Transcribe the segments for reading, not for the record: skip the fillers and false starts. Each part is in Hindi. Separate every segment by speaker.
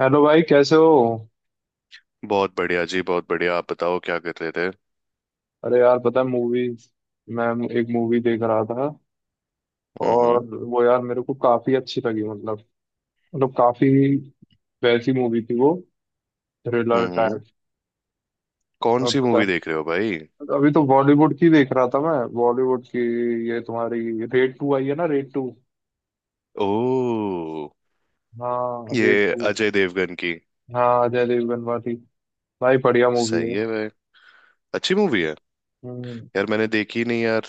Speaker 1: हेलो भाई, कैसे हो?
Speaker 2: बहुत बढ़िया जी, बहुत बढ़िया। आप बताओ क्या कर रहे थे?
Speaker 1: अरे यार, पता है, मूवी, मैं एक मूवी देख रहा था। और
Speaker 2: हम्म
Speaker 1: वो यार, मेरे को काफी अच्छी लगी, मतलब काफी वैसी मूवी थी वो, थ्रिलर
Speaker 2: हम्म हम्म।
Speaker 1: टाइप।
Speaker 2: कौन
Speaker 1: अब
Speaker 2: सी
Speaker 1: पता-
Speaker 2: मूवी देख रहे हो भाई?
Speaker 1: है, अभी तो बॉलीवुड की देख रहा था मैं, बॉलीवुड की। ये तुम्हारी रेड टू आई है ना, रेड टू।
Speaker 2: ओ,
Speaker 1: हाँ रेड
Speaker 2: ये
Speaker 1: टू।
Speaker 2: अजय देवगन की?
Speaker 1: हाँ, अजय देवगन वाली। भाई बढ़िया मूवी है।
Speaker 2: सही है भाई, अच्छी मूवी है।
Speaker 1: हम्म।
Speaker 2: यार मैंने देखी नहीं यार।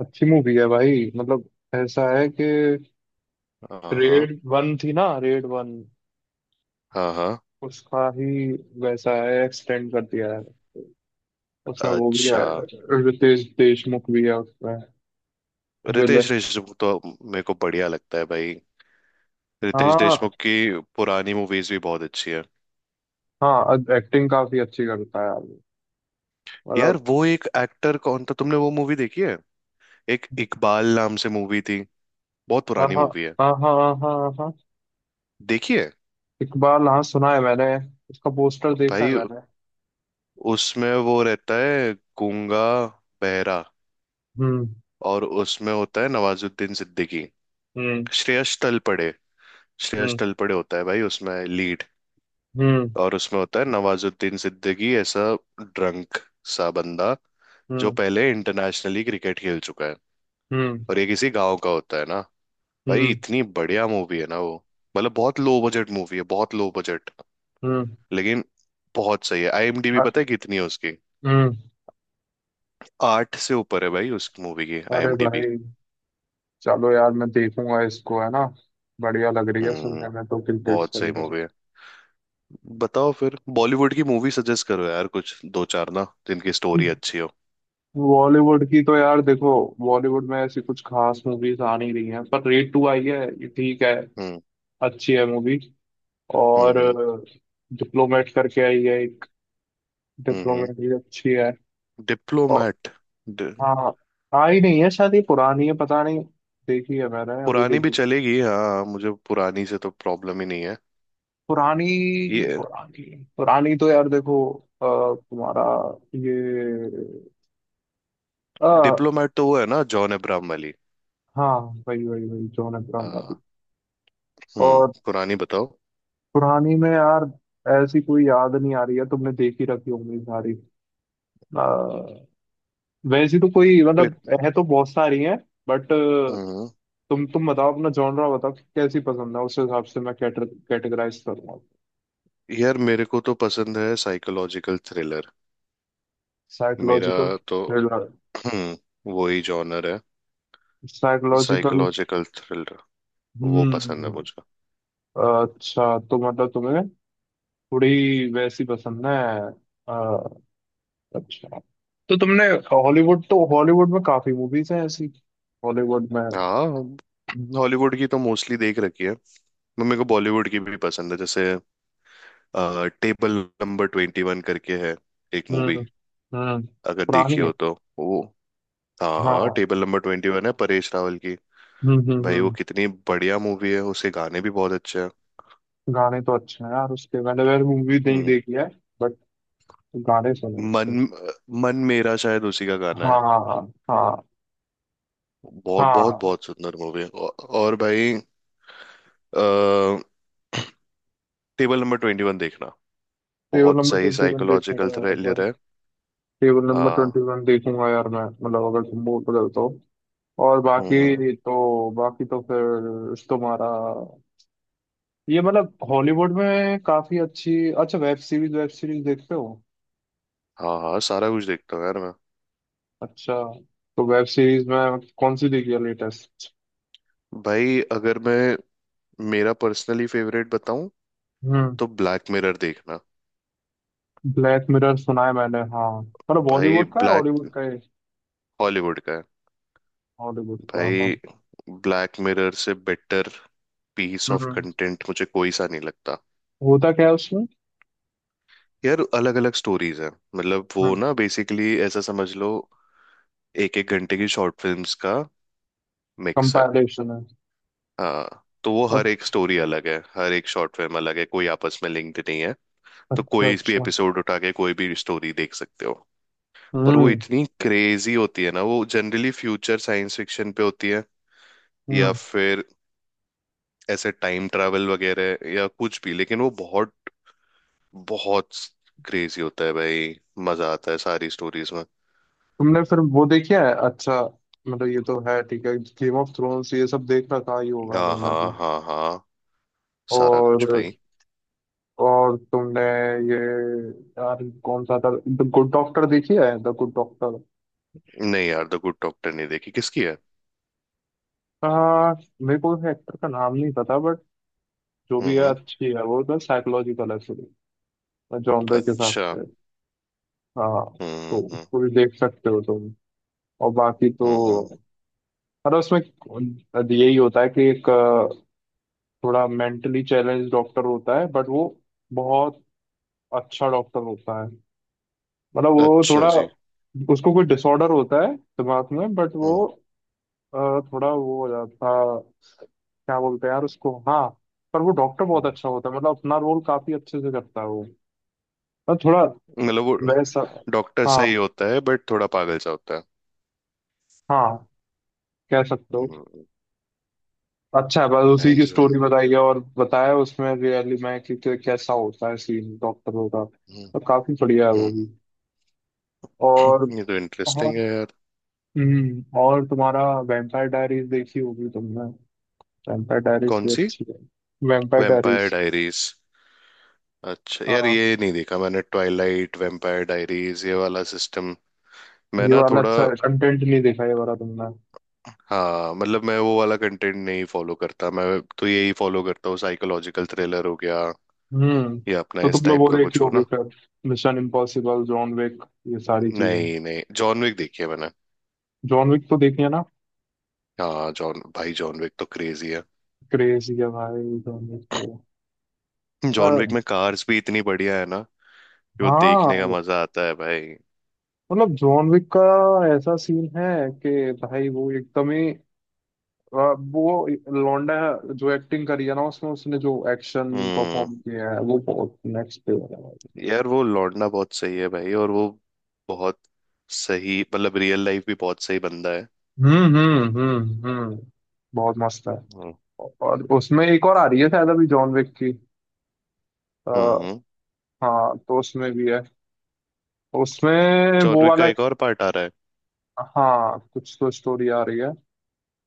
Speaker 1: अच्छी मूवी है भाई, मतलब। ऐसा है कि
Speaker 2: हाँ हाँ,
Speaker 1: रेड वन थी ना, रेड वन।
Speaker 2: हाँ हाँ।
Speaker 1: उसका ही वैसा है, एक्सटेंड कर दिया है। उसमें वो भी
Speaker 2: अच्छा,
Speaker 1: है, रितेश देशमुख भी है उसमें, विलन।
Speaker 2: रितेश देशमुख तो मेरे को बढ़िया लगता है भाई। रितेश
Speaker 1: हाँ,
Speaker 2: देशमुख की पुरानी मूवीज भी बहुत अच्छी है।
Speaker 1: हाँ। एक्टिंग काफी अच्छी करता है आदमी,
Speaker 2: यार
Speaker 1: मतलब।
Speaker 2: वो एक एक्टर कौन था, तुमने वो मूवी देखी है? एक इकबाल नाम से मूवी थी, बहुत
Speaker 1: हाँ,
Speaker 2: पुरानी
Speaker 1: हाँ,
Speaker 2: मूवी है।
Speaker 1: हाँ, हाँ, हाँ, हाँ, हाँ।
Speaker 2: देखी है?
Speaker 1: इकबाल, हाँ, सुना है मैंने, उसका पोस्टर देखा है
Speaker 2: भाई
Speaker 1: मैंने।
Speaker 2: उसमें वो रहता है गूंगा बहरा,
Speaker 1: हम्म,
Speaker 2: और उसमें होता है नवाजुद्दीन सिद्दीकी,
Speaker 1: हम्म,
Speaker 2: श्रेयस तलपड़े। श्रेयस
Speaker 1: हम्म,
Speaker 2: तलपड़े होता है भाई उसमें लीड,
Speaker 1: हम्म,
Speaker 2: और उसमें होता है नवाजुद्दीन सिद्दीकी, ऐसा ड्रंक सा बंदा जो
Speaker 1: हम्म,
Speaker 2: पहले इंटरनेशनली क्रिकेट खेल चुका है,
Speaker 1: हम्म,
Speaker 2: और ये किसी गांव का होता है ना। भाई
Speaker 1: हम्म,
Speaker 2: इतनी बढ़िया मूवी है ना वो। मतलब बहुत लो बजट मूवी है, बहुत लो बजट,
Speaker 1: हम्म।
Speaker 2: लेकिन बहुत सही है। आईएमडीबी
Speaker 1: अ-
Speaker 2: पता है कितनी है उसकी?
Speaker 1: हम्म।
Speaker 2: 8 से ऊपर है भाई उस मूवी की
Speaker 1: अरे
Speaker 2: आईएमडीबी।
Speaker 1: भाई, चलो यार मैं देखूंगा इसको, है ना? बढ़िया लग रही है सुनने
Speaker 2: हम्म,
Speaker 1: में तो, क्रिकेट
Speaker 2: बहुत सही
Speaker 1: से।
Speaker 2: मूवी है। बताओ फिर, बॉलीवुड की मूवी सजेस्ट करो यार कुछ दो चार ना, जिनकी स्टोरी अच्छी हो।
Speaker 1: बॉलीवुड की तो यार देखो, बॉलीवुड में ऐसी कुछ खास मूवीज आ नहीं रही हैं, पर रेड टू आई है, ये ठीक है।
Speaker 2: हम्म।
Speaker 1: अच्छी है मूवी। और
Speaker 2: हम्म।
Speaker 1: डिप्लोमेट करके आई है एक, डिप्लोमेट
Speaker 2: हम्म।
Speaker 1: भी अच्छी है। और
Speaker 2: डिप्लोमेट।
Speaker 1: हाँ, आई नहीं है शायद ये, पुरानी है पता नहीं, देखी है मैंने, अभी
Speaker 2: पुरानी भी
Speaker 1: देखी थी।
Speaker 2: चलेगी, हाँ मुझे पुरानी से तो प्रॉब्लम ही नहीं है।
Speaker 1: पुरानी,
Speaker 2: ये
Speaker 1: पुरानी, पुरानी तो यार देखो, अ, तुम्हारा ये, आ,
Speaker 2: डिप्लोमेट तो वो है ना, जॉन अब्राहम वाली?
Speaker 1: हाँ, वही वही वही, जॉन अब्राहम
Speaker 2: हाँ।
Speaker 1: वाली।
Speaker 2: हम्म,
Speaker 1: और
Speaker 2: पुरानी बताओ।
Speaker 1: पुरानी में यार ऐसी कोई याद नहीं आ रही है, तुमने देख ही रखी होंगी सारी। अ, वैसी तो कोई,
Speaker 2: फिर।
Speaker 1: मतलब, है तो बहुत सारी हैं, बट।
Speaker 2: हम्म।
Speaker 1: तुम बताओ अपना जॉनरा बताओ कि कैसी पसंद है, उस हिसाब से मैं कैटेगराइज करूंगा।
Speaker 2: यार मेरे को तो पसंद है साइकोलॉजिकल थ्रिलर। मेरा
Speaker 1: साइकोलॉजिकल
Speaker 2: तो
Speaker 1: थ्रिलर,
Speaker 2: हम्म, वो ही जॉनर है।
Speaker 1: साइकोलॉजिकल।
Speaker 2: साइकोलॉजिकल थ्रिलर, वो पसंद
Speaker 1: हम्म।
Speaker 2: है मुझे।
Speaker 1: अच्छा, तो मतलब तुम्हें थोड़ी वैसी पसंद है। अ, अच्छा, तो तुमने हॉलीवुड तो, हॉलीवुड में काफी मूवीज हैं ऐसी, हॉलीवुड में।
Speaker 2: हाँ, हॉलीवुड की तो मोस्टली देख रखी है मैं। मेरे को बॉलीवुड की भी पसंद है, जैसे टेबल नंबर 21 करके है एक मूवी,
Speaker 1: हम्म, हम्म।
Speaker 2: अगर देखी
Speaker 1: पुरानी
Speaker 2: हो
Speaker 1: है।
Speaker 2: तो। वो, हाँ,
Speaker 1: हाँ।
Speaker 2: टेबल नंबर ट्वेंटी वन है परेश रावल की।
Speaker 1: हम्म, हम्म,
Speaker 2: भाई वो
Speaker 1: हम्म।
Speaker 2: कितनी बढ़िया मूवी है, उसके गाने भी बहुत अच्छे हैं।
Speaker 1: गाने तो अच्छे हैं यार उसके, मैंने वैसे मूवी नहीं
Speaker 2: हम्म,
Speaker 1: देखी है, बट गाने सुने उसके।
Speaker 2: मन मन मेरा शायद उसी का गाना है।
Speaker 1: हाँ, हाँ, हाँ,
Speaker 2: बहुत बहुत
Speaker 1: हाँ।
Speaker 2: बहुत सुंदर मूवी है और भाई टेबल नंबर ट्वेंटी वन देखना।
Speaker 1: टेबल
Speaker 2: बहुत
Speaker 1: नंबर
Speaker 2: सही
Speaker 1: 21 देखूंगा
Speaker 2: साइकोलॉजिकल
Speaker 1: यार मैं।
Speaker 2: थ्रिलर है।
Speaker 1: टेबल नंबर
Speaker 2: हाँ।
Speaker 1: 21 देखूंगा यार मैं, मतलब अगर तुम मूड बदल तो। और
Speaker 2: हम्म।
Speaker 1: बाकी तो, फिर तुम्हारा ये, मतलब हॉलीवुड में काफी अच्छी। अच्छा, वेब सीरीज, वेब सीरीज देखते हो?
Speaker 2: हाँ हाँ, सारा कुछ देखता हूँ यार मैं।
Speaker 1: अच्छा, तो वेब सीरीज में कौन सी देखी है लेटेस्ट?
Speaker 2: भाई अगर मैं मेरा पर्सनली फेवरेट बताऊं, तो ब्लैक मिरर देखना।
Speaker 1: ब्लैक मिरर सुना है मैंने, हाँ, मतलब
Speaker 2: भाई
Speaker 1: बॉलीवुड का है हॉलीवुड
Speaker 2: ब्लैक,
Speaker 1: का है?
Speaker 2: हॉलीवुड का है।
Speaker 1: हॉलीवुड का, हाँ।
Speaker 2: भाई ब्लैक मिरर से better piece of
Speaker 1: hmm.
Speaker 2: Content मुझे कोई सा नहीं लगता।
Speaker 1: होता क्या है उसमें?
Speaker 2: यार अलग अलग स्टोरीज हैं, मतलब वो
Speaker 1: हम्म।
Speaker 2: ना बेसिकली ऐसा समझ लो, एक एक घंटे की शॉर्ट फिल्म्स का मिक्स है।
Speaker 1: कंपैरिजन है।
Speaker 2: हाँ, तो वो हर एक
Speaker 1: अच्छा,
Speaker 2: स्टोरी अलग है, हर एक शॉर्ट फिल्म अलग है, कोई आपस में लिंक्ड नहीं है। तो
Speaker 1: अच्छा,
Speaker 2: कोई भी
Speaker 1: अच्छा।
Speaker 2: एपिसोड उठा के कोई भी स्टोरी देख सकते हो। पर वो
Speaker 1: हम्म,
Speaker 2: इतनी क्रेजी होती है ना, वो जनरली फ्यूचर साइंस फिक्शन पे होती है, या
Speaker 1: हम्म।
Speaker 2: फिर ऐसे टाइम ट्रैवल वगैरह, या कुछ भी, लेकिन वो बहुत बहुत क्रेजी होता है भाई। मजा आता है सारी स्टोरीज में।
Speaker 1: तुमने फिर वो देखी है। अच्छा, मतलब ये तो है, ठीक है। गेम ऑफ थ्रोन्स ये सब देख रखा ही होगा
Speaker 2: हाँ
Speaker 1: तुमने
Speaker 2: हाँ,
Speaker 1: तो।
Speaker 2: हाँ हाँ, सारा
Speaker 1: और
Speaker 2: कुछ भाई।
Speaker 1: तुमने ये, यार कौन सा था, द गुड डॉक्टर देखी है, द गुड डॉक्टर?
Speaker 2: नहीं यार, द गुड डॉक्टर नहीं देखी। किसकी है?
Speaker 1: हाँ, मेरे को एक्टर का नाम नहीं पता, बट जो
Speaker 2: हम्म
Speaker 1: भी है
Speaker 2: हम्म,
Speaker 1: अच्छी है वो, तो साइकोलॉजिकल है, जॉनर के हिसाब
Speaker 2: अच्छा।
Speaker 1: से। हाँ, तो
Speaker 2: हम्म।
Speaker 1: उसको भी देख सकते हो तुम। और बाकी
Speaker 2: हम्म हम्म,
Speaker 1: तो, मतलब उसमें यही होता है कि एक, थोड़ा मेंटली चैलेंज डॉक्टर होता है, बट वो बहुत अच्छा डॉक्टर होता है। मतलब वो
Speaker 2: अच्छा
Speaker 1: थोड़ा,
Speaker 2: जी।
Speaker 1: उसको कोई डिसऑर्डर होता है दिमाग में, बट वो,
Speaker 2: हम्म
Speaker 1: थोड़ा वो हो जाता, क्या बोलते हैं यार उसको, हाँ। पर वो डॉक्टर बहुत
Speaker 2: हम्म।
Speaker 1: अच्छा होता है, मतलब अपना रोल काफी अच्छे से करता है वो। मतलब थोड़ा
Speaker 2: मतलब वो
Speaker 1: वैसा।
Speaker 2: डॉक्टर
Speaker 1: हाँ,
Speaker 2: सही होता है बट थोड़ा पागल सा होता है।
Speaker 1: हाँ, कह सकते हो। अच्छा है, बस उसी की
Speaker 2: नाइस भाई।
Speaker 1: स्टोरी बताई है, और बताया उसमें रियली में कि कैसा होता है सीन डॉक्टरों का।
Speaker 2: हम्म।
Speaker 1: तो काफी बढ़िया है वो भी।
Speaker 2: हम्म
Speaker 1: और
Speaker 2: ये तो
Speaker 1: और
Speaker 2: इंटरेस्टिंग है यार।
Speaker 1: और तुम्हारा वैम्पायर डायरीज देखी होगी तुमने, वैम्पायर डायरीज
Speaker 2: कौन
Speaker 1: भी
Speaker 2: सी?
Speaker 1: अच्छी है। Vampire
Speaker 2: vampire
Speaker 1: diaries.
Speaker 2: डायरीज, अच्छा यार
Speaker 1: हाँ,
Speaker 2: ये नहीं देखा मैंने। ट्वाइलाइट, वेम्पायर डायरीज, ये वाला सिस्टम मैं
Speaker 1: ये
Speaker 2: ना
Speaker 1: वाला
Speaker 2: थोड़ा,
Speaker 1: अच्छा कंटेंट नहीं देखा ये वाला तुमने।
Speaker 2: हाँ, मतलब मैं वो वाला कंटेंट नहीं फॉलो करता। मैं तो यही फॉलो करता हूँ, साइकोलॉजिकल थ्रिलर हो गया,
Speaker 1: हम्म।
Speaker 2: या अपना
Speaker 1: तो
Speaker 2: इस
Speaker 1: तुमने वो
Speaker 2: टाइप का
Speaker 1: देखी
Speaker 2: कुछ हो
Speaker 1: होगी
Speaker 2: ना।
Speaker 1: फिर, मिशन इम्पॉसिबल, जॉन विक, ये सारी चीजें।
Speaker 2: नहीं नहीं, जॉन विक देखी है मैंने।
Speaker 1: जॉन विक तो देखी है ना,
Speaker 2: हाँ जॉन भाई, जॉन विक तो क्रेजी है।
Speaker 1: क्रेजी है भाई जॉन विक तो। अ,
Speaker 2: जॉन विक में कार्स भी इतनी बढ़िया है ना कि वो देखने का
Speaker 1: हाँ,
Speaker 2: मजा आता है भाई।
Speaker 1: मतलब जॉन विक का ऐसा सीन है कि भाई वो एकदम ही, अ, वो लौंडा जो एक्टिंग करी है ना उसमें, उसने जो एक्शन
Speaker 2: हम्म।
Speaker 1: परफॉर्म किया है वो बहुत नेक्स्ट लेवल है भाई।
Speaker 2: यार वो लौंडा बहुत सही है भाई, और वो बहुत सही, मतलब रियल लाइफ भी बहुत सही बंदा है।
Speaker 1: हम्म, हम्म, हम्म, हम्म। बहुत मस्त है।
Speaker 2: हम्म।
Speaker 1: और उसमें एक और आ रही है शायद, अभी जॉन विक की। आ,
Speaker 2: हम्म,
Speaker 1: हाँ, तो उसमें भी है, उसमें वो
Speaker 2: चॉर्विक का
Speaker 1: वाला।
Speaker 2: एक और पार्ट आ रहा है।
Speaker 1: हाँ, कुछ तो स्टोरी आ रही है।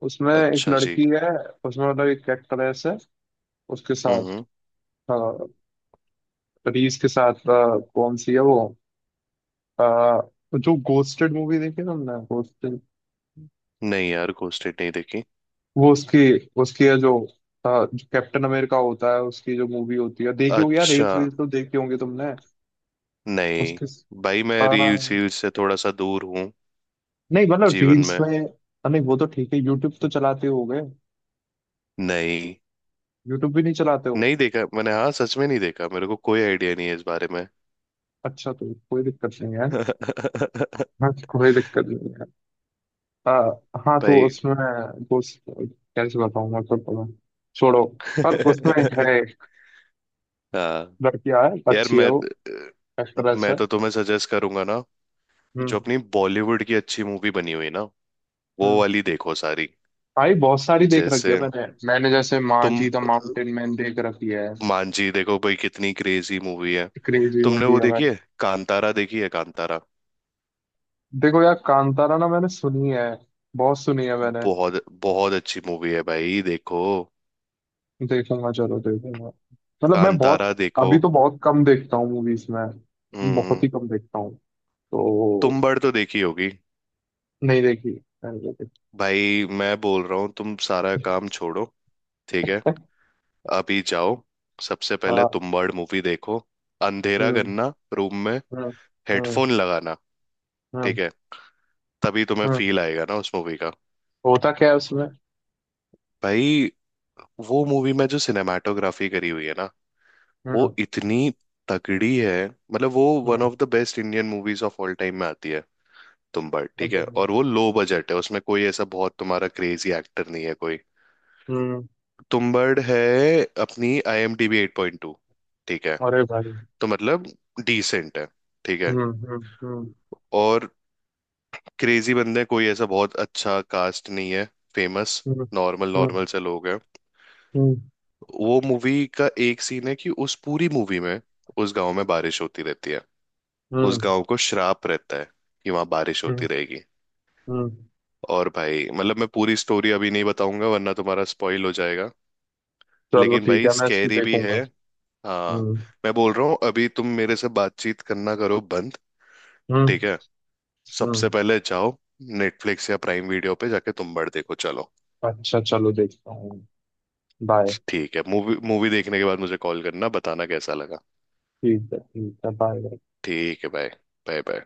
Speaker 1: उसमें एक
Speaker 2: अच्छा जी।
Speaker 1: लड़की है, उसमें मतलब एक एक्ट्रेस है उसके साथ।
Speaker 2: हम्म।
Speaker 1: हाँ, प्रीज के साथ, कौन सी है वो, अ, जो गोस्टेड मूवी देखी है तुमने, गोस्टेड?
Speaker 2: नहीं यार, घोस्टेड नहीं देखी।
Speaker 1: वो उसकी, उसकी है जो, जो कैप्टन अमेरिका होता है उसकी जो मूवी होती है, देखी होगी यार,
Speaker 2: अच्छा,
Speaker 1: रील्स वील्स तो देखी होंगी तुमने।
Speaker 2: नहीं
Speaker 1: उसके स-
Speaker 2: भाई, मैं
Speaker 1: आ,
Speaker 2: रील्स वील्स से थोड़ा सा दूर हूँ
Speaker 1: नहीं मतलब
Speaker 2: जीवन
Speaker 1: रील्स
Speaker 2: में।
Speaker 1: में, नहीं वो तो ठीक है, यूट्यूब तो चलाते हो गए।
Speaker 2: नहीं।
Speaker 1: यूट्यूब भी नहीं चलाते हो?
Speaker 2: नहीं देखा मैंने, हाँ, सच में नहीं देखा, मेरे को कोई आइडिया नहीं है इस बारे में।
Speaker 1: अच्छा, तो कोई दिक्कत नहीं है। हाँ, कोई दिक्कत नहीं है। आ, हाँ, तो
Speaker 2: भाई
Speaker 1: उसमें गोस्ट, कैसे बताऊँ मैं तो तुम्हें, छोड़ो। पर उसमें है
Speaker 2: हाँ।
Speaker 1: लड़कियां, है,
Speaker 2: यार
Speaker 1: अच्छी है
Speaker 2: मैं
Speaker 1: वो, एक्ट्रेस
Speaker 2: मैं
Speaker 1: है।
Speaker 2: तो तुम्हें सजेस्ट करूंगा ना, जो
Speaker 1: हम्म,
Speaker 2: अपनी बॉलीवुड की अच्छी मूवी बनी हुई ना, वो
Speaker 1: हम्म।
Speaker 2: वाली देखो सारी।
Speaker 1: भाई बहुत सारी देख रखी है
Speaker 2: जैसे
Speaker 1: मैंने, जैसे
Speaker 2: तुम
Speaker 1: मांझी द माउंटेन मैन देख रखी है।
Speaker 2: मांझी देखो भाई, कितनी क्रेजी मूवी है।
Speaker 1: क्रेजी
Speaker 2: तुमने
Speaker 1: मूवी
Speaker 2: वो
Speaker 1: है
Speaker 2: देखी
Speaker 1: भाई।
Speaker 2: है, कांतारा? देखी है कांतारा?
Speaker 1: देखो यार कांतारा ना, मैंने सुनी है, बहुत सुनी है मैंने।
Speaker 2: बहुत बहुत अच्छी मूवी है भाई, देखो
Speaker 1: देखूंगा, चलो देखूंगा, मतलब मैं बहुत,
Speaker 2: कांतारा, देखो।
Speaker 1: अभी तो बहुत कम देखता हूँ मूवीज में, बहुत
Speaker 2: हम्म,
Speaker 1: ही कम देखता हूँ
Speaker 2: तुम
Speaker 1: तो।
Speaker 2: बड़ तो देखी होगी।
Speaker 1: नहीं देखी, मैंने देखी,
Speaker 2: भाई मैं बोल रहा हूँ, तुम सारा काम छोड़ो। ठीक है? अभी जाओ, सबसे पहले
Speaker 1: हाँ।
Speaker 2: तुम बड़ मूवी देखो, अंधेरा
Speaker 1: हम्म,
Speaker 2: करना रूम में,
Speaker 1: हम्म, हम्म,
Speaker 2: हेडफोन लगाना,
Speaker 1: हम्म,
Speaker 2: ठीक है? तभी तुम्हें
Speaker 1: हम्म।
Speaker 2: फील आएगा ना उस मूवी का।
Speaker 1: होता क्या है उसमें?
Speaker 2: भाई वो मूवी में जो सिनेमाटोग्राफी करी हुई है ना, वो
Speaker 1: हम्म,
Speaker 2: इतनी तगड़ी है, मतलब वो one
Speaker 1: hmm,
Speaker 2: of the best Indian movies of all time में आती है। तुम्बाड़, ठीक है,
Speaker 1: हम्म,
Speaker 2: और वो लो बजट है, उसमें कोई ऐसा बहुत तुम्हारा क्रेजी एक्टर नहीं है कोई।
Speaker 1: हम्म।
Speaker 2: तुम्बाड़ है, अपनी आईएमडीबी 8.2, ठीक है?
Speaker 1: अरे भाई।
Speaker 2: तो मतलब डिसेंट है, ठीक है?
Speaker 1: हम्म, हम्म,
Speaker 2: और क्रेजी बंदे कोई ऐसा बहुत अच्छा कास्ट नहीं है फेमस,
Speaker 1: हम्म,
Speaker 2: नॉर्मल
Speaker 1: हम्म,
Speaker 2: नॉर्मल से लोग हैं।
Speaker 1: हम्म, हम्म,
Speaker 2: वो मूवी का एक सीन है कि उस पूरी मूवी में उस गांव में बारिश होती रहती है, उस
Speaker 1: हम्म,
Speaker 2: गांव को श्राप रहता है कि वहां बारिश होती
Speaker 1: हम्म,
Speaker 2: रहेगी।
Speaker 1: हम्म।
Speaker 2: और भाई मतलब मैं पूरी स्टोरी अभी नहीं बताऊंगा वरना तुम्हारा स्पॉइल हो जाएगा,
Speaker 1: चलो
Speaker 2: लेकिन
Speaker 1: ठीक
Speaker 2: भाई
Speaker 1: है, मैं इसको
Speaker 2: स्कैरी भी है।
Speaker 1: देखूंगा।
Speaker 2: हाँ।
Speaker 1: हम्म,
Speaker 2: मैं बोल रहा हूँ अभी तुम मेरे से बातचीत करना करो बंद,
Speaker 1: हम्म,
Speaker 2: ठीक है?
Speaker 1: हम्म।
Speaker 2: सबसे पहले जाओ, नेटफ्लिक्स या प्राइम वीडियो पे जाके तुम बड़ देखो, चलो।
Speaker 1: अच्छा, चलो देखता हूँ। बाय।
Speaker 2: ठीक है, मूवी, मूवी देखने के बाद मुझे कॉल करना, बताना कैसा लगा।
Speaker 1: ठीक है, ठीक है, बाय।
Speaker 2: ठीक है, बाय। Bye bye.